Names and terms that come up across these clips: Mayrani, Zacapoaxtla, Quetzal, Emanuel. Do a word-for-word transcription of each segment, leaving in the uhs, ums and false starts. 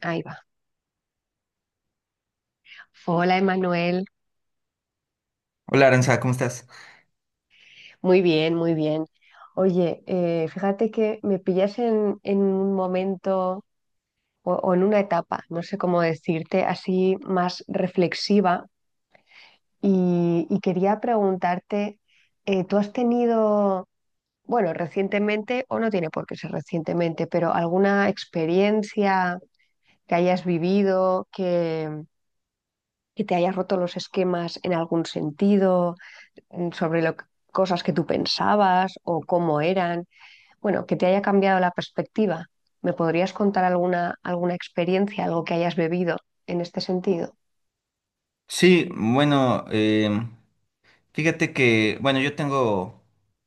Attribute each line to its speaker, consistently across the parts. Speaker 1: Ahí va. Hola, Emanuel.
Speaker 2: Hola Aranza, ¿cómo estás?
Speaker 1: Muy bien, muy bien. Oye, eh, fíjate que me pillas en, en un momento o, o en una etapa, no sé cómo decirte, así más reflexiva y, y quería preguntarte, eh, ¿tú has tenido, bueno, recientemente, o no tiene por qué ser recientemente, pero alguna experiencia que hayas vivido, que, que te hayas roto los esquemas en algún sentido? mm, sobre lo, que- cosas que tú pensabas o cómo eran, bueno, que te haya cambiado la perspectiva. ¿Me podrías contar alguna, alguna experiencia, algo que hayas bebido en este sentido?
Speaker 2: Sí, bueno, em, fíjate que, bueno, yo tengo,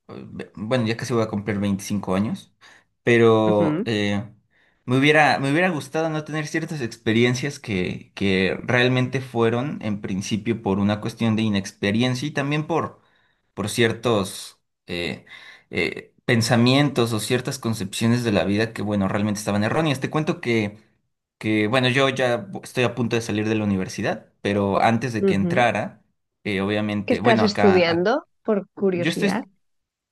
Speaker 2: eh, ve- bueno, ya casi voy a cumplir veinticinco años, pero
Speaker 1: Ujú.
Speaker 2: eh, me hubiera, me hubiera gustado no tener ciertas experiencias que, que realmente fueron, en principio, por una cuestión de inexperiencia y también por, por ciertos eh, eh, pensamientos o ciertas concepciones de la vida que, bueno, realmente estaban erróneas. Te cuento que... que bueno, yo ya estoy a punto de salir de la universidad, pero antes de que
Speaker 1: Ujú.
Speaker 2: entrara, eh,
Speaker 1: ¿Qué
Speaker 2: obviamente,
Speaker 1: estás
Speaker 2: bueno, acá,
Speaker 1: estudiando?
Speaker 2: ac-
Speaker 1: Por
Speaker 2: yo
Speaker 1: curiosidad.
Speaker 2: estoy,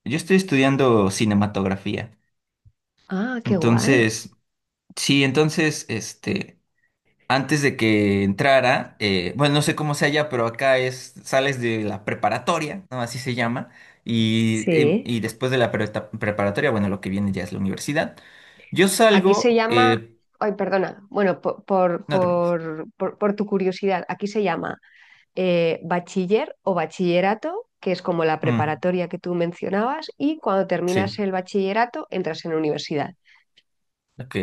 Speaker 2: yo estoy estudiando cinematografía.
Speaker 1: Ah, qué guay.
Speaker 2: Entonces, sí, entonces, este, antes de que entrara, eh, bueno, no sé cómo sea allá, pero acá es, sales de la preparatoria, ¿no? Así se llama. Y, y-
Speaker 1: Sí.
Speaker 2: y después de la pre- preparatoria, bueno, lo que viene ya es la universidad. Yo
Speaker 1: Aquí se
Speaker 2: salgo,
Speaker 1: llama,
Speaker 2: eh,
Speaker 1: ay, perdona, bueno, po- por,
Speaker 2: no te preocupes.
Speaker 1: por, por, por tu curiosidad, aquí se llama eh, bachiller o bachillerato, que es como la
Speaker 2: Mm,
Speaker 1: preparatoria que tú mencionabas, y cuando terminas
Speaker 2: sí.
Speaker 1: el bachillerato entras en la universidad.
Speaker 2: Ok.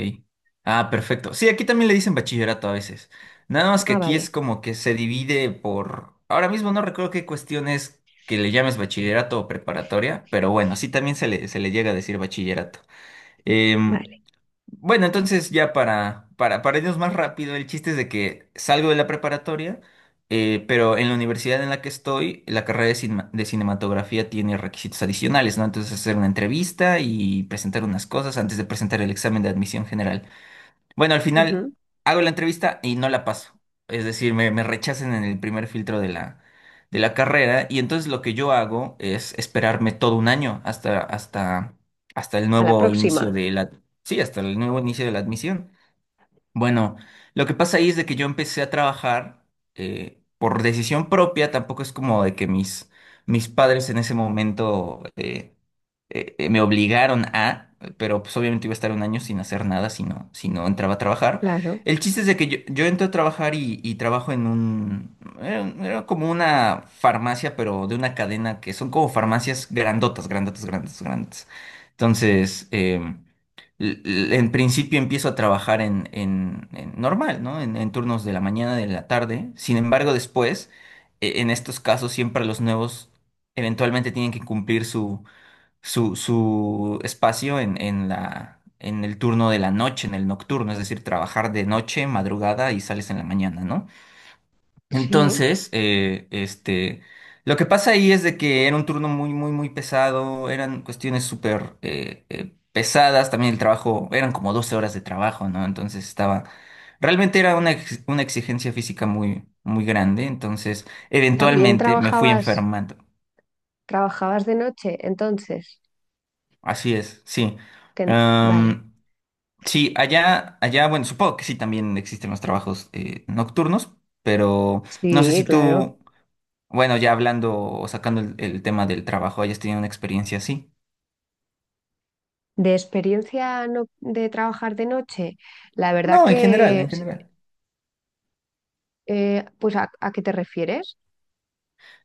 Speaker 2: Ah, perfecto. Sí, aquí también le dicen bachillerato a veces. Nada más que
Speaker 1: Ah,
Speaker 2: aquí es
Speaker 1: vale.
Speaker 2: como que se divide por... Ahora mismo no recuerdo qué cuestiones que le llames bachillerato o preparatoria, pero bueno, sí también se le, se le llega a decir bachillerato.
Speaker 1: Vale.
Speaker 2: Em, bueno, entonces ya para, para, para irnos más rápido, el chiste es de que salgo de la preparatoria, eh, pero en la universidad en la que estoy, la carrera de, cinema- de cinematografía tiene requisitos adicionales, ¿no? Entonces hacer una entrevista y presentar unas cosas antes de presentar el examen de admisión general. Bueno, al final
Speaker 1: Ujú.
Speaker 2: hago la entrevista y no la paso. Es decir, me, me rechazan en el primer filtro de la, de la carrera y entonces lo que yo hago es esperarme todo un año hasta, hasta, hasta el
Speaker 1: A la
Speaker 2: nuevo
Speaker 1: próxima.
Speaker 2: inicio de la, sí, hasta el nuevo inicio de la admisión. Bueno, lo que pasa ahí es de que yo empecé a trabajar eh, por decisión propia, tampoco es como de que mis, mis padres en ese momento eh, eh, eh, me obligaron a, pero pues obviamente iba a estar un año sin hacer nada si no, si no entraba a trabajar.
Speaker 1: Claro.
Speaker 2: El chiste es de que yo, yo entré a trabajar y, y trabajo en un, era, era como una farmacia, pero de una cadena que son como farmacias grandotas, grandotas, grandotas, grandotas. Entonces, em, l- l- en principio empiezo a trabajar en, en- en normal, ¿no? En, en turnos de la mañana, de la tarde. Sin embargo, después, e- en estos casos, siempre los nuevos eventualmente tienen que cumplir su, su, su espacio en, en la, en el turno de la noche, en el nocturno, es decir, trabajar de noche, madrugada y sales en la mañana, ¿no?
Speaker 1: Sí.
Speaker 2: Entonces, eh, este, lo que pasa ahí es de que era un turno muy, muy, muy pesado, eran cuestiones súper eh, eh, pesadas, también el trabajo, eran como doce horas de trabajo, ¿no? Entonces estaba, realmente era una, ex- una exigencia física muy, muy grande, entonces
Speaker 1: También
Speaker 2: eventualmente me fui
Speaker 1: trabajabas,
Speaker 2: enfermando,
Speaker 1: trabajabas de noche, entonces.
Speaker 2: así es, sí.
Speaker 1: Ten- Vale.
Speaker 2: Am, sí, allá, allá, bueno, supongo que sí también existen los trabajos eh, nocturnos, pero no sé
Speaker 1: Sí,
Speaker 2: si
Speaker 1: claro.
Speaker 2: tú... Bueno, ya hablando o sacando el, el tema del trabajo, ¿hayas tenido una experiencia así?
Speaker 1: De experiencia no- de trabajar de noche, la verdad
Speaker 2: No, en general,
Speaker 1: que,
Speaker 2: en general.
Speaker 1: eh, pues, ¿a, a qué te refieres?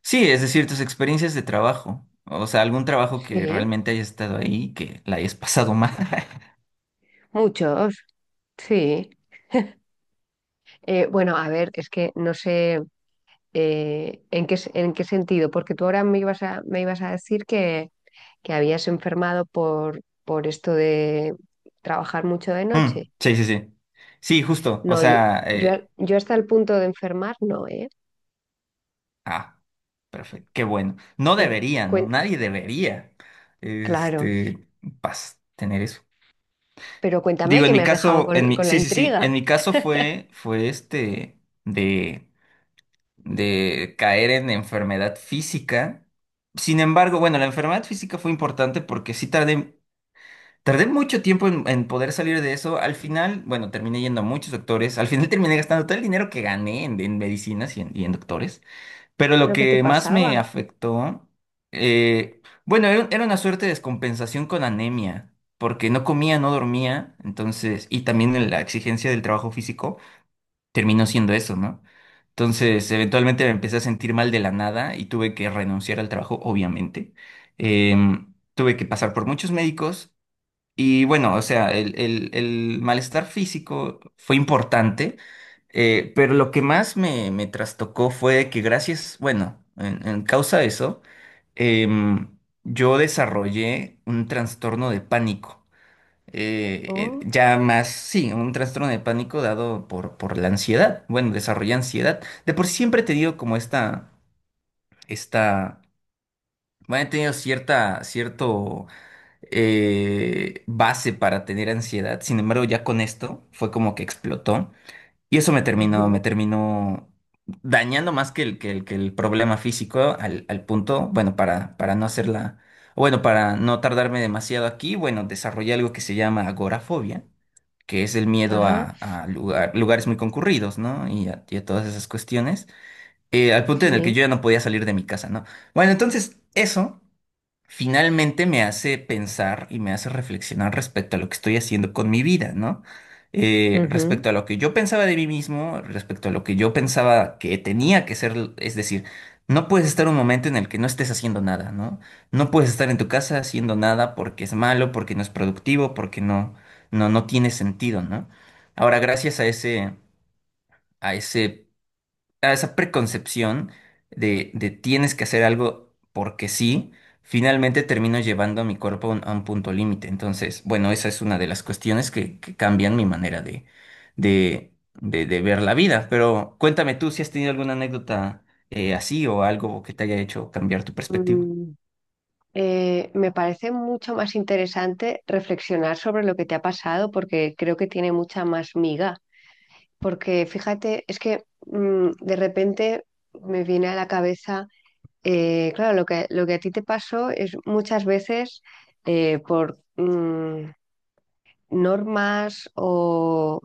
Speaker 2: Sí, es decir, tus experiencias de trabajo. O sea, algún trabajo que
Speaker 1: Sí.
Speaker 2: realmente hayas estado ahí y que la hayas pasado mal.
Speaker 1: Muchos. Sí. Eh, bueno, a ver, es que no sé eh, en qué, s- en qué sentido, porque tú ahora me ibas a, me ibas a decir que, que habías enfermado por, por esto de trabajar mucho de noche.
Speaker 2: Mm, sí, sí, sí. Sí, justo. O
Speaker 1: No, yo,
Speaker 2: sea,
Speaker 1: yo,
Speaker 2: eh,
Speaker 1: yo hasta el punto de enfermar no, ¿eh?
Speaker 2: ah, perfecto. Qué bueno. No
Speaker 1: Pero,
Speaker 2: debería, ¿no?
Speaker 1: cuen-
Speaker 2: Nadie debería,
Speaker 1: claro,
Speaker 2: este, pas, tener eso.
Speaker 1: pero cuéntame
Speaker 2: Digo,
Speaker 1: que
Speaker 2: en
Speaker 1: me
Speaker 2: mi
Speaker 1: has dejado
Speaker 2: caso,
Speaker 1: con,
Speaker 2: en mi,
Speaker 1: con la
Speaker 2: sí, sí, sí.
Speaker 1: intriga.
Speaker 2: En mi caso fue, fue este, de de caer en enfermedad física. Sin embargo, bueno, la enfermedad física fue importante porque sí tardé, tardé mucho tiempo en, en poder salir de eso. Al final, bueno, terminé yendo a muchos doctores. Al final terminé gastando todo el dinero que gané en, en medicinas y en, y en doctores. Pero lo
Speaker 1: ¿Pero qué te
Speaker 2: que más
Speaker 1: pasaba?
Speaker 2: me afectó, eh, bueno, era, era una suerte de descompensación con anemia. Porque no comía, no dormía, entonces, y también la exigencia del trabajo físico terminó siendo eso, ¿no? Entonces, eventualmente me empecé a sentir mal de la nada y tuve que renunciar al trabajo, obviamente. Em, tuve que pasar por muchos médicos y bueno, o sea, el, el- el malestar físico fue importante, eh, pero lo que más me, me trastocó fue que gracias, bueno, en, en causa de eso, em, yo desarrollé un trastorno de pánico eh, eh,
Speaker 1: Oh,
Speaker 2: ya más, sí, un trastorno de pánico dado por, por la ansiedad. Bueno, desarrolla ansiedad. De por sí siempre he tenido como esta, esta, bueno, he tenido cierta, cierto eh, base para tener ansiedad. Sin embargo, ya con esto fue como que explotó. Y eso me terminó, me
Speaker 1: ujú.
Speaker 2: terminó dañando más que el, que el, que el problema físico al, al punto, bueno, para, para no hacerla, bueno, para no tardarme demasiado aquí, bueno, desarrollé algo que se llama agorafobia que es el miedo
Speaker 1: Ajá,
Speaker 2: a, a lugar- lugares muy concurridos, ¿no? Y a, y a todas esas cuestiones, eh, al punto en el que
Speaker 1: sí.
Speaker 2: yo ya no podía salir de mi casa, ¿no? Bueno, entonces, eso finalmente me hace pensar y me hace reflexionar respecto a lo que estoy haciendo con mi vida, ¿no? Eh, respecto a lo que yo pensaba de mí mismo, respecto a lo que yo pensaba que tenía que ser, es decir, no puedes estar un momento en el que no estés haciendo nada, ¿no? No puedes estar en tu casa haciendo nada porque es malo, porque no es productivo, porque no, no, no tiene sentido, ¿no? Ahora, gracias a ese, a ese a esa preconcepción de, de tienes que hacer algo porque sí, finalmente termino llevando a mi cuerpo a un, a un punto límite. Entonces, bueno, esa es una de las cuestiones que, que cambian mi manera de, de, de, de ver la vida. Pero cuéntame tú si has tenido alguna anécdota eh, así o algo que te haya hecho cambiar tu perspectiva.
Speaker 1: Ujú. Eh, me parece mucho más interesante reflexionar sobre lo que te ha pasado porque creo que tiene mucha más miga. Porque fíjate, es que mm, de repente me viene a la cabeza, eh, claro, lo que, lo que a ti te pasó es muchas veces eh, por mm, normas o,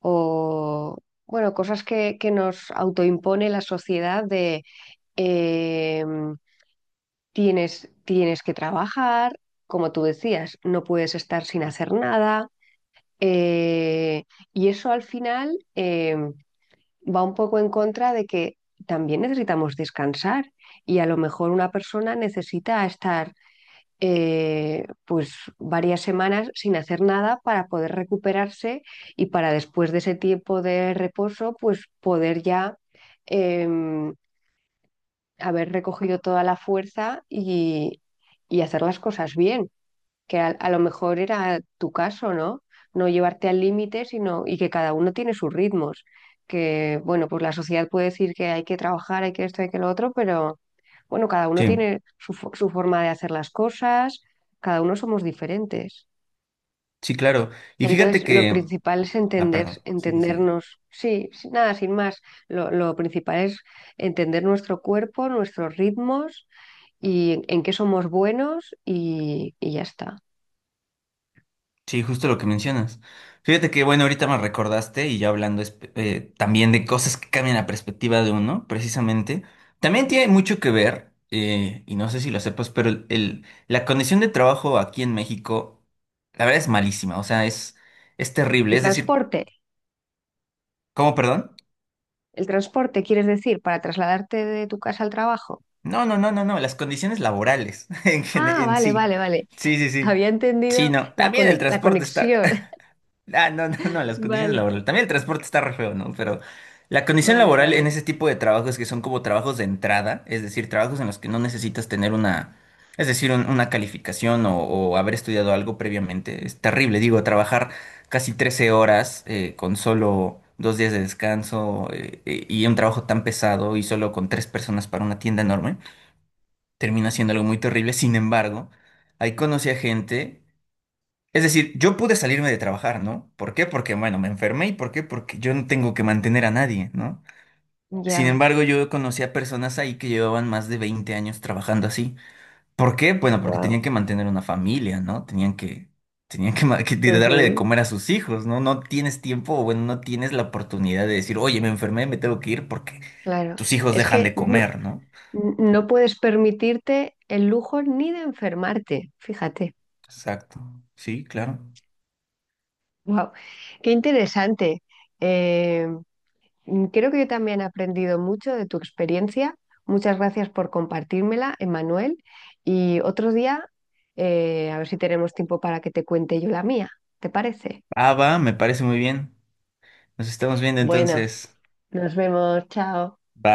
Speaker 1: o, bueno, cosas que, que nos autoimpone la sociedad de... em, Tienes, tienes que trabajar, como tú decías, no puedes estar sin hacer nada. eh, y eso al final eh, va un poco en contra de que también necesitamos descansar y a lo mejor una persona necesita estar eh, pues varias semanas sin hacer nada para poder recuperarse y para después de ese tiempo de reposo pues poder ya em, haber recogido toda la fuerza y, y hacer las cosas bien, que a, a lo mejor era tu caso, ¿no? No llevarte al límite, sino y que cada uno tiene sus ritmos, que bueno, pues la sociedad puede decir que hay que trabajar, hay que esto, hay que lo otro, pero bueno, cada uno
Speaker 2: Sí,
Speaker 1: tiene su, fo- su forma de hacer las cosas, cada uno somos diferentes.
Speaker 2: sí, claro. Y fíjate
Speaker 1: Entonces, lo
Speaker 2: que...
Speaker 1: principal es
Speaker 2: Ah,
Speaker 1: entender,
Speaker 2: perdón. Sí, sí.
Speaker 1: entendernos, sí, sí, nada, sin más. Lo, lo principal es entender nuestro cuerpo, nuestros ritmos y en qué somos buenos y, y ya está.
Speaker 2: Sí, justo lo que mencionas. Fíjate que, bueno, ahorita me recordaste y ya hablando espe- eh, también de cosas que cambian la perspectiva de uno, precisamente, también tiene mucho que ver, eh, y no sé si lo sepas, pero el, el- la condición de trabajo aquí en México, la verdad es malísima, o sea, es, es terrible.
Speaker 1: El
Speaker 2: Es decir,
Speaker 1: transporte,
Speaker 2: ¿cómo, perdón?
Speaker 1: el transporte, ¿quieres decir para trasladarte de tu casa al trabajo?
Speaker 2: No, no, no, no, no, las condiciones laborales en, gen-
Speaker 1: Ah,
Speaker 2: en
Speaker 1: vale,
Speaker 2: sí.
Speaker 1: vale, vale.
Speaker 2: Sí, sí, sí.
Speaker 1: Había
Speaker 2: Sí,
Speaker 1: entendido
Speaker 2: no,
Speaker 1: la
Speaker 2: también el
Speaker 1: conex- la
Speaker 2: transporte está...
Speaker 1: conexión.
Speaker 2: Ah, no, no, no, las condiciones
Speaker 1: Vale,
Speaker 2: laborales. También el transporte está re feo, ¿no? Pero la condición
Speaker 1: vale,
Speaker 2: laboral en
Speaker 1: vale.
Speaker 2: ese tipo de trabajos que son como trabajos de entrada, es decir, trabajos en los que no necesitas tener una, es decir, un- una calificación o, o haber estudiado algo previamente, es terrible. Digo, trabajar casi trece horas eh, con solo dos días de descanso eh, eh, y un trabajo tan pesado y solo con tres personas para una tienda enorme, termina siendo algo muy terrible. Sin embargo, ahí conocí a gente. Es decir, yo pude salirme de trabajar, ¿no? ¿Por qué? Porque, bueno, me enfermé y ¿por qué? Porque yo no tengo que mantener a nadie, ¿no? Sin
Speaker 1: Ya,
Speaker 2: embargo, yo conocí a personas ahí que llevaban más de veinte años trabajando así. ¿Por qué? Bueno, porque
Speaker 1: wow.
Speaker 2: tenían que mantener una familia, ¿no? Tenían que, tenían que, ma- que de- darle de comer a sus hijos, ¿no? No tienes tiempo o, bueno, no tienes la oportunidad de decir, oye, me enfermé, me tengo que ir porque
Speaker 1: Claro.
Speaker 2: tus hijos
Speaker 1: Es
Speaker 2: dejan
Speaker 1: que
Speaker 2: de
Speaker 1: no,
Speaker 2: comer, ¿no?
Speaker 1: no puedes permitirte el lujo ni de enfermarte, fíjate.
Speaker 2: Exacto. Sí, claro.
Speaker 1: Wow. Qué interesante. Eh, Mm, Creo que yo también he aprendido mucho de tu experiencia. Muchas gracias por compartírmela, Emanuel. Y otro día, eh, a ver si tenemos tiempo para que te cuente yo la mía. ¿Te parece?
Speaker 2: Ah, va, me parece muy bien. Nos estamos viendo
Speaker 1: Bueno,
Speaker 2: entonces.
Speaker 1: nos vemos. Chao.
Speaker 2: Va.